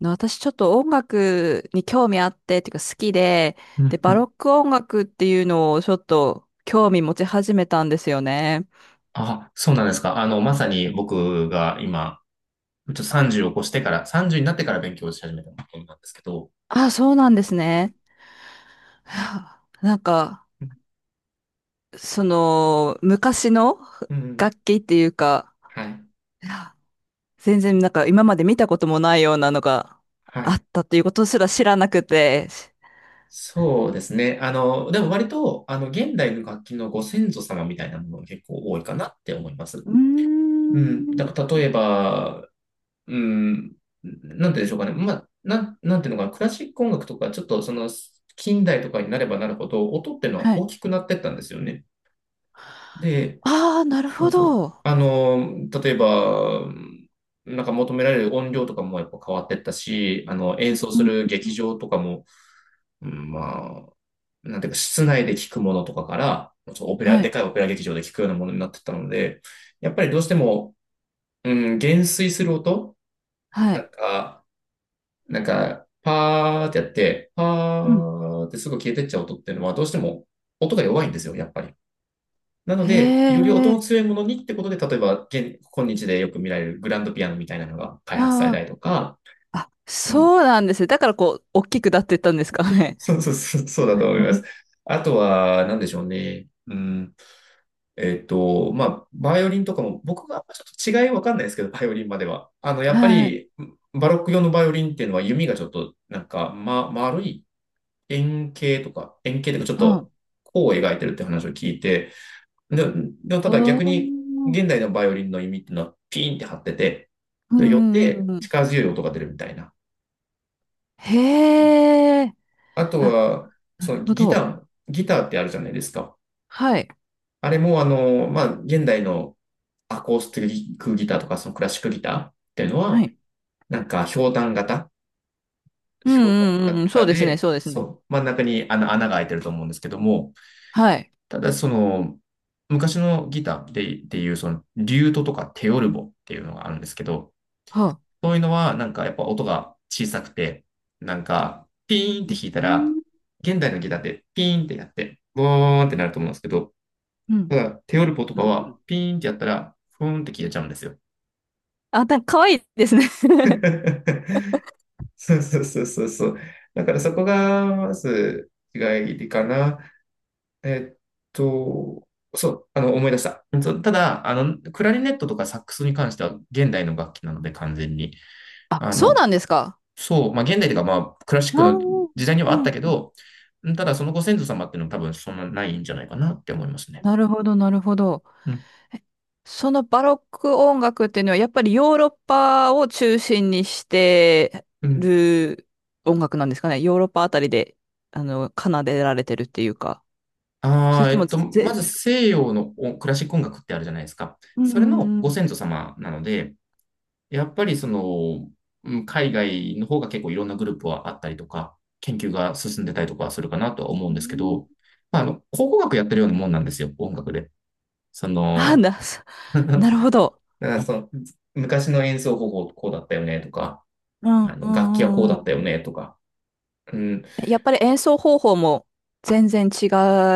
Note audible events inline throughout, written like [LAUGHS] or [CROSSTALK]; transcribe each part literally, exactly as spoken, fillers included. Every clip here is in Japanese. の私ちょっと音楽に興味あって、っていうか好きで、うで、んうバロん。ック音楽っていうのをちょっと興味持ち始めたんですよね。あ、そうなんですか。あの、まさに僕が今、ちょっとさんじゅうを越してから、さんじゅうになってから勉強し始めたことなんですけど、あ、そうなんですね。[SIGHS] はあ、なんか、うん、その、昔のうん楽器っていうか、はい、[SIGHS] いや、全然なんか今まで見たこともないようなのがはあっい。たっていうことすら知らなくて。そうですね。あの、でも割と、あの、現代の楽器のご先祖様みたいなものが結構多いかなって思います。うーうん。だん。から例えば、うん、なんて言うんでしょうかね。まあ、なん、なんていうのかな、クラシック音楽とか、ちょっとその、近代とかになればなるほど、音っていうのはは大い。きくなってったんですよね。で、ああ、なるそほうそう。ど。あの、例えば、なんか求められる音量とかもやっぱ変わってったし、あの、演う奏すん。る劇場とかも、うん、まあ、なんていうか、室内で聞くものとかから、そうオペラ、はでい。かいオペラ劇場で聞くようなものになってったので、やっぱりどうしても、うん、減衰する音はなんい。か、なんか、パーってやって、パうん。ーってすぐ消えてっちゃう音っていうのは、どうしても音が弱いんですよ、やっぱり。なので、へより音のえ。強いものにってことで、例えば、現、今日でよく見られるグランドピアノみたいなのが開発されたありとか、あ、あ、うん、そうなんですね。だからこう、大きくなっていったんですかね。そうそうそう、そうだと思います。[LAUGHS] あとは、なんでしょうね。うん、えっと、まあ、バイオリンとかも、僕がちょっと違いわかんないですけど、バイオリンまでは。あの、やっぱはい。り、バロック用のバイオリンっていうのは弓がちょっと、なんか、ま、丸い円形とか、円形とか、ちょっうと、ん。弧を描いてるって話を聞いて、で、でもただお逆に、ー。現代のバイオリンの弓っていうのはピーンって張ってて、うで、よっんうんうてんうん。力強い音が出るみたいな。へえ。あとあ、は、なそるのほギタど。ーギターってあるじゃないですか。はい。あれも、あの、まあ、現代のアコースティックギターとか、そのクラシックギターっていうのはは、い。なんか、ひょうたん型、うんひょううたんうんんうん。そ型うですね、で、そうですね。そう、真ん中にあの穴が開いてると思うんですけども、はい。ただ、その、昔のギターで、っていう、その、リュートとかテオルボっていうのがあるんですけど、はあ。そういうのは、なんかやっぱ音が小さくて、なんか、ピーンっうて弾いたら、ん現代のギターってピーンってやって、ボーンってなると思うんですけど、うたんだ、テオルポとうかんうは、ん。ピーンってやったら、ふーんって消えちゃうんですよ。あ、なんか可愛いですね。[LAUGHS] そうそうそうそうそう。だからそこが、まず、違いかな。えっと、そう、あの、思い出した。そうただ、あの、クラリネットとかサックスに関しては現代の楽器なので完全に。[LAUGHS] あ、あそうなの、んですか。そう、まあ現代というかまあクラシッああ。クの時代にはうあったんけうん。ど、うんただそのご先祖様っていうのは多分そんなないんじゃないかなって思いますね。なるほど、なるほど。うん。そのバロック音楽っていうのはやっぱりヨーロッパを中心にしてうん。る音楽なんですかね。ヨーロッパあたりで、あの、奏でられてるっていうか。あそれあ、とえも、っと、ぜ、まず西洋のおクラシック音楽ってあるじゃないですか。うそれのん。うご先祖様なので、やっぱりその、うん海外の方が結構いろんなグループはあったりとか、研究が進んでたりとかするかなとは思うんですけど、ん。まあ、あの、考古学やってるようなもんなんですよ、音楽で。そあ、の、な、そ [LAUGHS] だかなるほど。らその昔の演奏方法こうだったよねとか、うんあうの、楽器はこうんうんだうっん。たよね、とか。うん。やっぱり演奏方法も全然違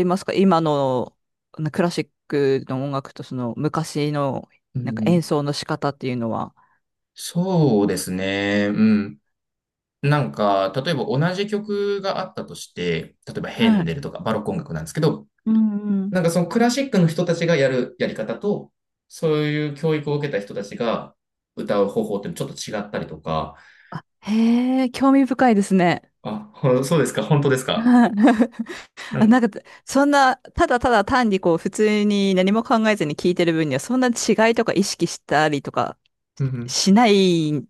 いますか、今のあのクラシックの音楽とその昔のうなんか演ん、奏の仕方っていうのは。そうですね。うん。なんか、例えば同じ曲があったとして、例えばヘはンい。デルとかバロック音楽なんですけど、うんうん。なんかそのクラシックの人たちがやるやり方と、そういう教育を受けた人たちが歌う方法ってちょっと違ったりとか、あ、へえ、興味深いですね。あ、ほそうですか、本当ですか。はい。 う [LAUGHS] あ、なん。んか、そんな、ただただ単にこう、普通に何も考えずに聞いてる分には、そんな違いとか意識したりとかうんうんしない、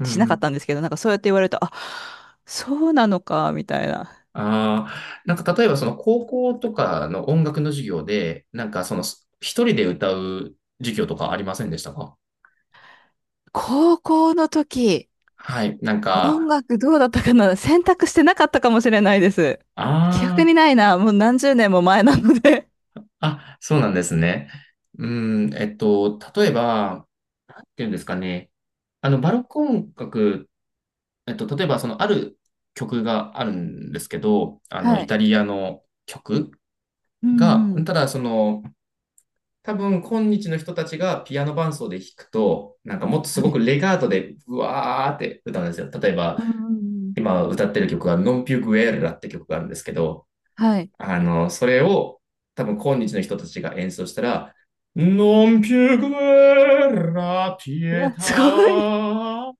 うんうしなかったんでんすけど、なんかそうやって言われると、あ、そうなのか、みたいな。ああ、なんか例えばその高校とかの音楽の授業で、なんかその一人で歌う授業とかありませんでしたか。高校の時、はい、なん音か、楽どうだったかな、選択してなかったかもしれないです。記あ憶にないな、もう何十年も前なので。あ、あ、そうなんですね。うん、えっと、例えば、なんていうんですかね。あの、バロック音楽、えっと、例えばそのある曲があるんですけど、あの、はイい。タリアの曲うんが、うん。ただその、多分今日の人たちがピアノ伴奏で弾くと、なんかもっとすはごくい。レガートでうわーって歌うんですよ。例えばうんうんうん。今歌ってる曲がノンピュグエルラって曲があるんですけど、はい。あの、それを多分今日の人たちが演奏したら、ノンピュグエルラピいエや、タすごい。ー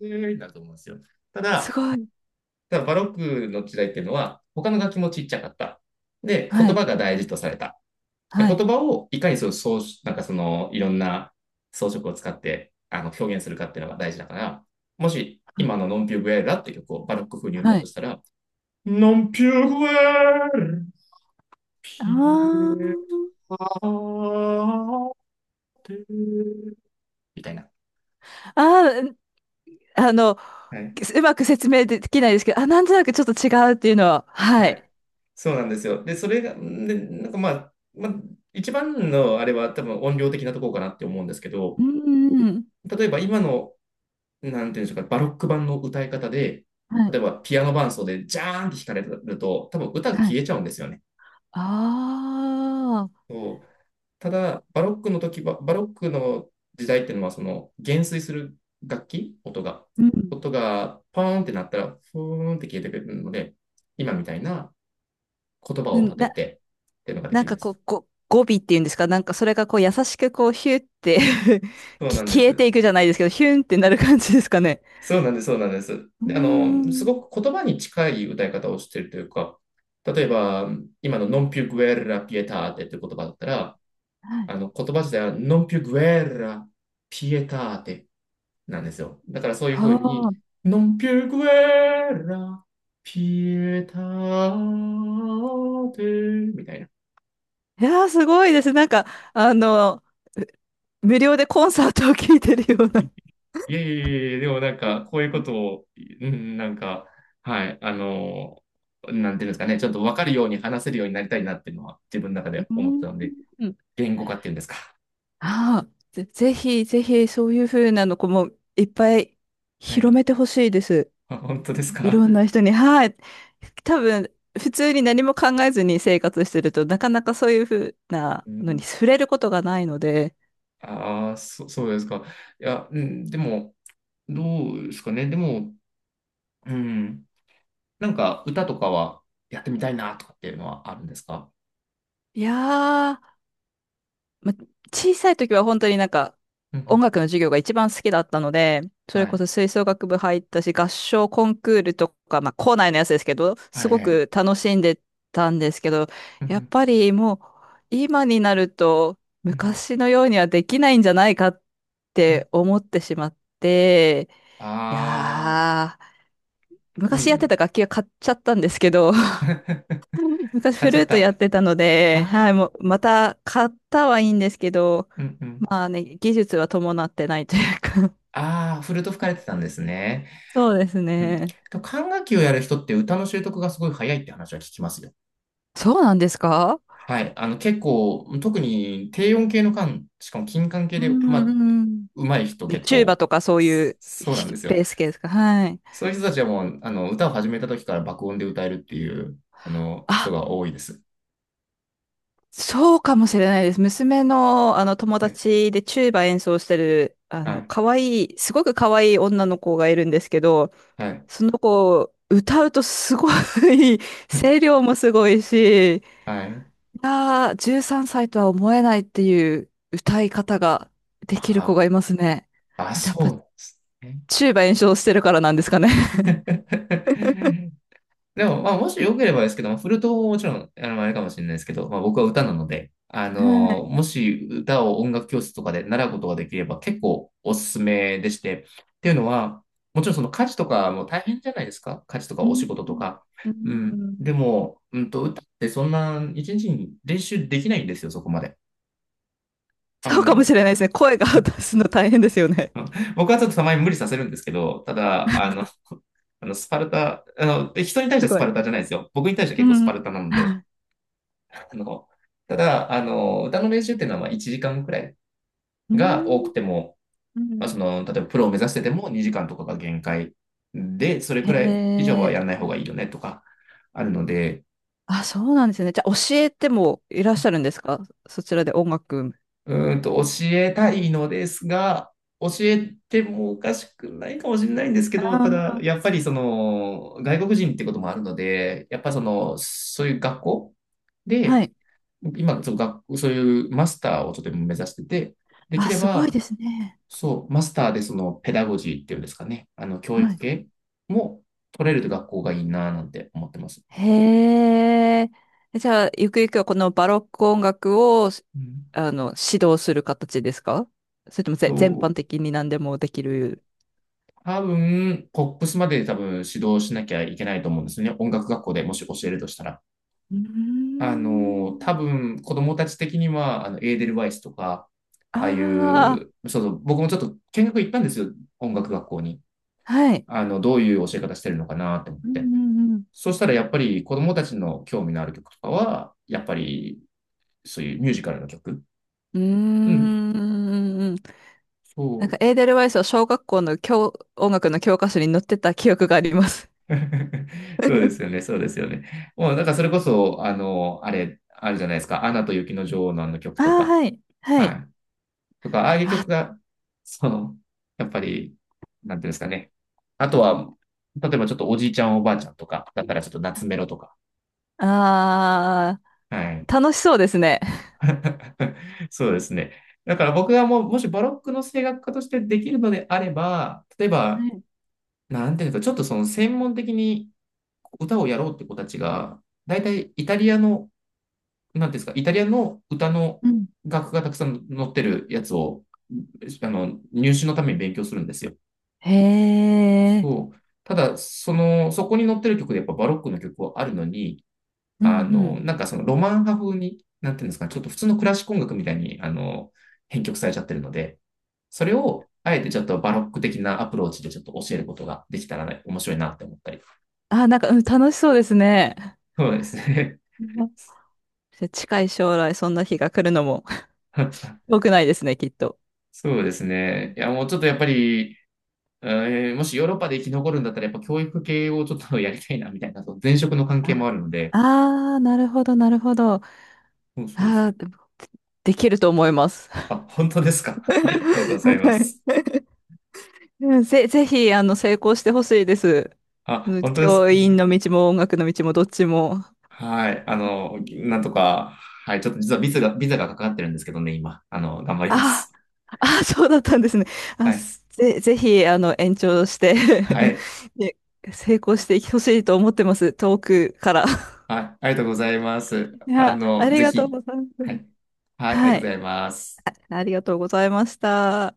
になると思うんですよ。たすだ、ごい。ただバロックの時代っていうのは他の楽器もちっちゃかった。で、は言い、葉が大事とされた。では言い、葉をいかにそう装なんかその、いろんな装飾を使ってあの表現するかっていうのが大事だから、もしはい。今のノンピューグエラって曲をバロック風に歌うとしたら、ノンピューグエラ、ピあエタテ、みたいな。あ、あーあの、はい。うまく説明できないですけど、あ、なんとなくちょっと違うっていうのは、ははい。い。そうなんですよ。で、それが、で、なんかまあ、まあ、一番のあれは多分音量的なところかなって思うんですけうど、ん、うん。例えば今のなんていうんでしょうか、バロック版の歌い方で、は例い、えばピアノ伴奏でジャーンって弾かれると、多分歌がは消い。えちゃうんですよね。ああ、そうただ、バロックの時は、バロックの時代っていうのは、その減衰する楽器、音が、うん。音がポーンってなったら、ふーんって消えてくれるので、今みたいな言葉うを立ん、てな、てっていうのがでなきんるんかでこす。う、ご、語尾っていうんですか、なんかそれがこう優しくこう、ヒュって [LAUGHS] そうなきんで消えてす。いくじゃないですけど、ヒュンってなる感じですかね。そうなんです、そうなんです。うーで、あの、すん。ごく言葉に近い歌い方をしているというか、例えば、今の Non più guerra pietate っていう言葉だったら、はい。あの、言葉自体は Non più guerra pietate なんですよ。だからそういうふうはに、あ。Non più guerra pietate みたいな。いやー、すごいです。なんか、あの、無料でコンサートを聴いてるような。いえいえいえ、でもなんか、こういうことを、うん、なんか、はい、あの、なんていうんですかね、ちょっと分かるように話せるようになりたいなっていうのは自分の中でう思ってたん。ので、うん。言語化っていうんですか。ああ、ぜ、ぜひ、ぜひ、そういう風なのこもいっぱい [LAUGHS] は広い。めてほしいです。あ、本当ですいろんか。な人に。はい。多分、普通に何も考えずに生活してると、なかなかそういう風 [LAUGHS] なうのにん、触れることがないので。ああ、そ、そうですか。いや、うん、でも、どうですかね。でも、うん、なんか歌とかはやってみたいなとかっていうのはあるんですか。いやーま、小さい時は本当になんかうんう音ん楽の授業が一番好きだったので、それはこい。そ吹奏楽部入ったし、合唱コンクールとか、まあ校内のやつですけど、すはいごはい。く楽しんでたんですけど、うやっんぱりもう今になるとうんうん昔のようにはできないんじゃないかっうんて思ってしまって、いああやー、ー、う昔やってん。た楽器は買っちゃったんですけど、[LAUGHS] 昔買フっちルゃっートた。やってたのあで、はい、あ、もうまた買ったはいいんですけど、うんうん。まあね、技術は伴ってないというか。 ああ、フルとト吹かれてたんですね。[LAUGHS] そうですうん。でね。も管楽器をやる人って歌の習得がすごい早いって話は聞きますよ。そうなんですか？はい。あの、結構、特に低音系の管、しかも金管系うで、んまうんあ、うん。上手い人で結チューバ構、とかそうそいうそうなんですよ。ベース系ですか？はい。そういう人たちはもう、あの、歌を始めた時から爆音で歌えるっていう、あの、人あ、が多いです。そうかもしれないです。娘のあの友ね。達でチューバ演奏してる、あはの、い。可愛い、すごく可愛い女の子がいるんですけど、はい。その子、歌うとすごい [LAUGHS] 声 [LAUGHS] 量もすごいし、いはい。やー、じゅうさんさいとは思えないっていう歌い方ができる子があいますね。あ、あやっそぱ、うなんですね。チューバ演奏してるからなんですかね。[LAUGHS] でも、まあ、もし良ければですけど、まあフルートももちろん、あの、あれかもしれないですけど、まあ、僕は歌なので、あはの、い。もし歌を音楽教室とかで習うことができれば結構おすすめでして、っていうのは、もちろんその家事とかも大変じゃないですか、家事と [LAUGHS] かうお仕ん。事とか。ううん。ん。でも、うんと、歌ってそんな一日に練習できないんですよ、そこまで。あそうかもの、しれないですね。声が出 [LAUGHS] すの大変ですよね。僕はちょっとたまに無理させるんですけど、ただ、あの、[LAUGHS] あの、スパルタ、あの、人に対しすてスごパい。ルタじゃないですよ。僕に対してう結構スん。パうルん。タなので、[LAUGHS] あの、ただ、あの、歌の練習っていうのはまあいちじかんくらいが多くても、うまあ、そん。の、例えばプロを目指しててもにじかんとかが限界で、それへくらい以上はえ。やんない方がいいよね、とかあるので、あ、そうなんですね。じゃあ、教えてもいらっしゃるんですか？そちらで音楽。うんと、教えたいのですが、教えてもおかしくないかもしれないんですけあど、ただ、あ、やっぱりその、外国人ってこともあるので、やっぱその、そういう学校はで、い。今、そう、学そういうマスターをちょっと目指してて、できあ、れすごいば、ですね。そう、マスターでそのペダゴジーっていうんですかね、あの教は育い。系も取れる学校がいいななんて思ってます。へえ。じゃあ、ゆくゆくはこのバロック音楽を、うんあの、指導する形ですか？それともぜ全般と、的に何でもできる。多分、ポップスまで多分指導しなきゃいけないと思うんですよね。音楽学校でもし教えるとしたら。うーあの、ん。多分、子供たち的には、あの、エーデルワイスとか、ああいあう、そうそう、僕もちょっと見学行ったんですよ。音楽学校に。あ、はい。あの、どういう教え方してるのかなって思っうて。んうんそしたらやっぱり子供たちの興味のある曲とかは、やっぱりそういうミュージカルの曲。ううん。ん。うーん。なそんか、う。エーデルワイスは小学校の教、音楽の教科書に載ってた記憶があります。[LAUGHS] そうですよね、そうですよね。もう、なんかそれこそ、あの、あれ、あるじゃないですか。アナと雪の女王のあの曲あとあ、か。はい。ははい。い。とか、ああいうあ、曲が、その、やっぱり、なんていうんですかね。あとは、例えばちょっとおじいちゃんおばあちゃんとか、だったらちょっと夏メロとか。あはい。あ、楽しそうですね。[LAUGHS] そうですね。だから僕がもう、もしバロックの声楽家としてできるのであれば、例えば、はい。なんていうか、ちょっとその専門的に歌をやろうって子たちが、大体イタリアの、なんていうんですか、イタリアの歌のうん。楽譜がたくさん載ってるやつを、あの、入試のために勉強するんですよ。へえ。そう。ただ、その、そこに載ってる曲でやっぱバロックの曲はあるのに、うんうあの、ん。なんかそのロマン派風に、なんていうんですか、ちょっと普通のクラシック音楽みたいに、あの、編曲されちゃってるので、それを、あえてちょっとバロック的なアプローチでちょっと教えることができたらね、面白いなって思ったり。あ、なんか、うん、楽しそうですね。そうですね。うん。じゃあ近い将来、そんな日が来るのも [LAUGHS] [LAUGHS] 遠くないですね、きっと。そうですね。いや、もうちょっとやっぱり、えーもしヨーロッパで生き残るんだったら、やっぱ教育系をちょっとやりたいな、みたいな、そう前職の関係もああるので。あー、なるほど、なるほど。あそうそうそう。あ、でもできると思います。[LAUGHS] あ、本当ですか。[LAUGHS] ありがとうございまはす。い。うん、ぜ、ぜひ、あの、成功してほしいです。あ、うん。本当です教か。員の道も音楽の道もどっちも。はい。あの、はい。なんとか、はい。ちょっと実はビザが、ビザがかかってるんですけどね、今。あの、頑張りまあす。ーあー、そうだったんですね。あ、はい。すぜ、ぜひ、あの、延長して はい。[LAUGHS] で成功してほしいと思ってます。遠くから。はい。ありがとうございます。いあや、あの、りぜがとうひ。ございまはす。い。はい。ありがはとうごい。ざいます。ありがとうございました。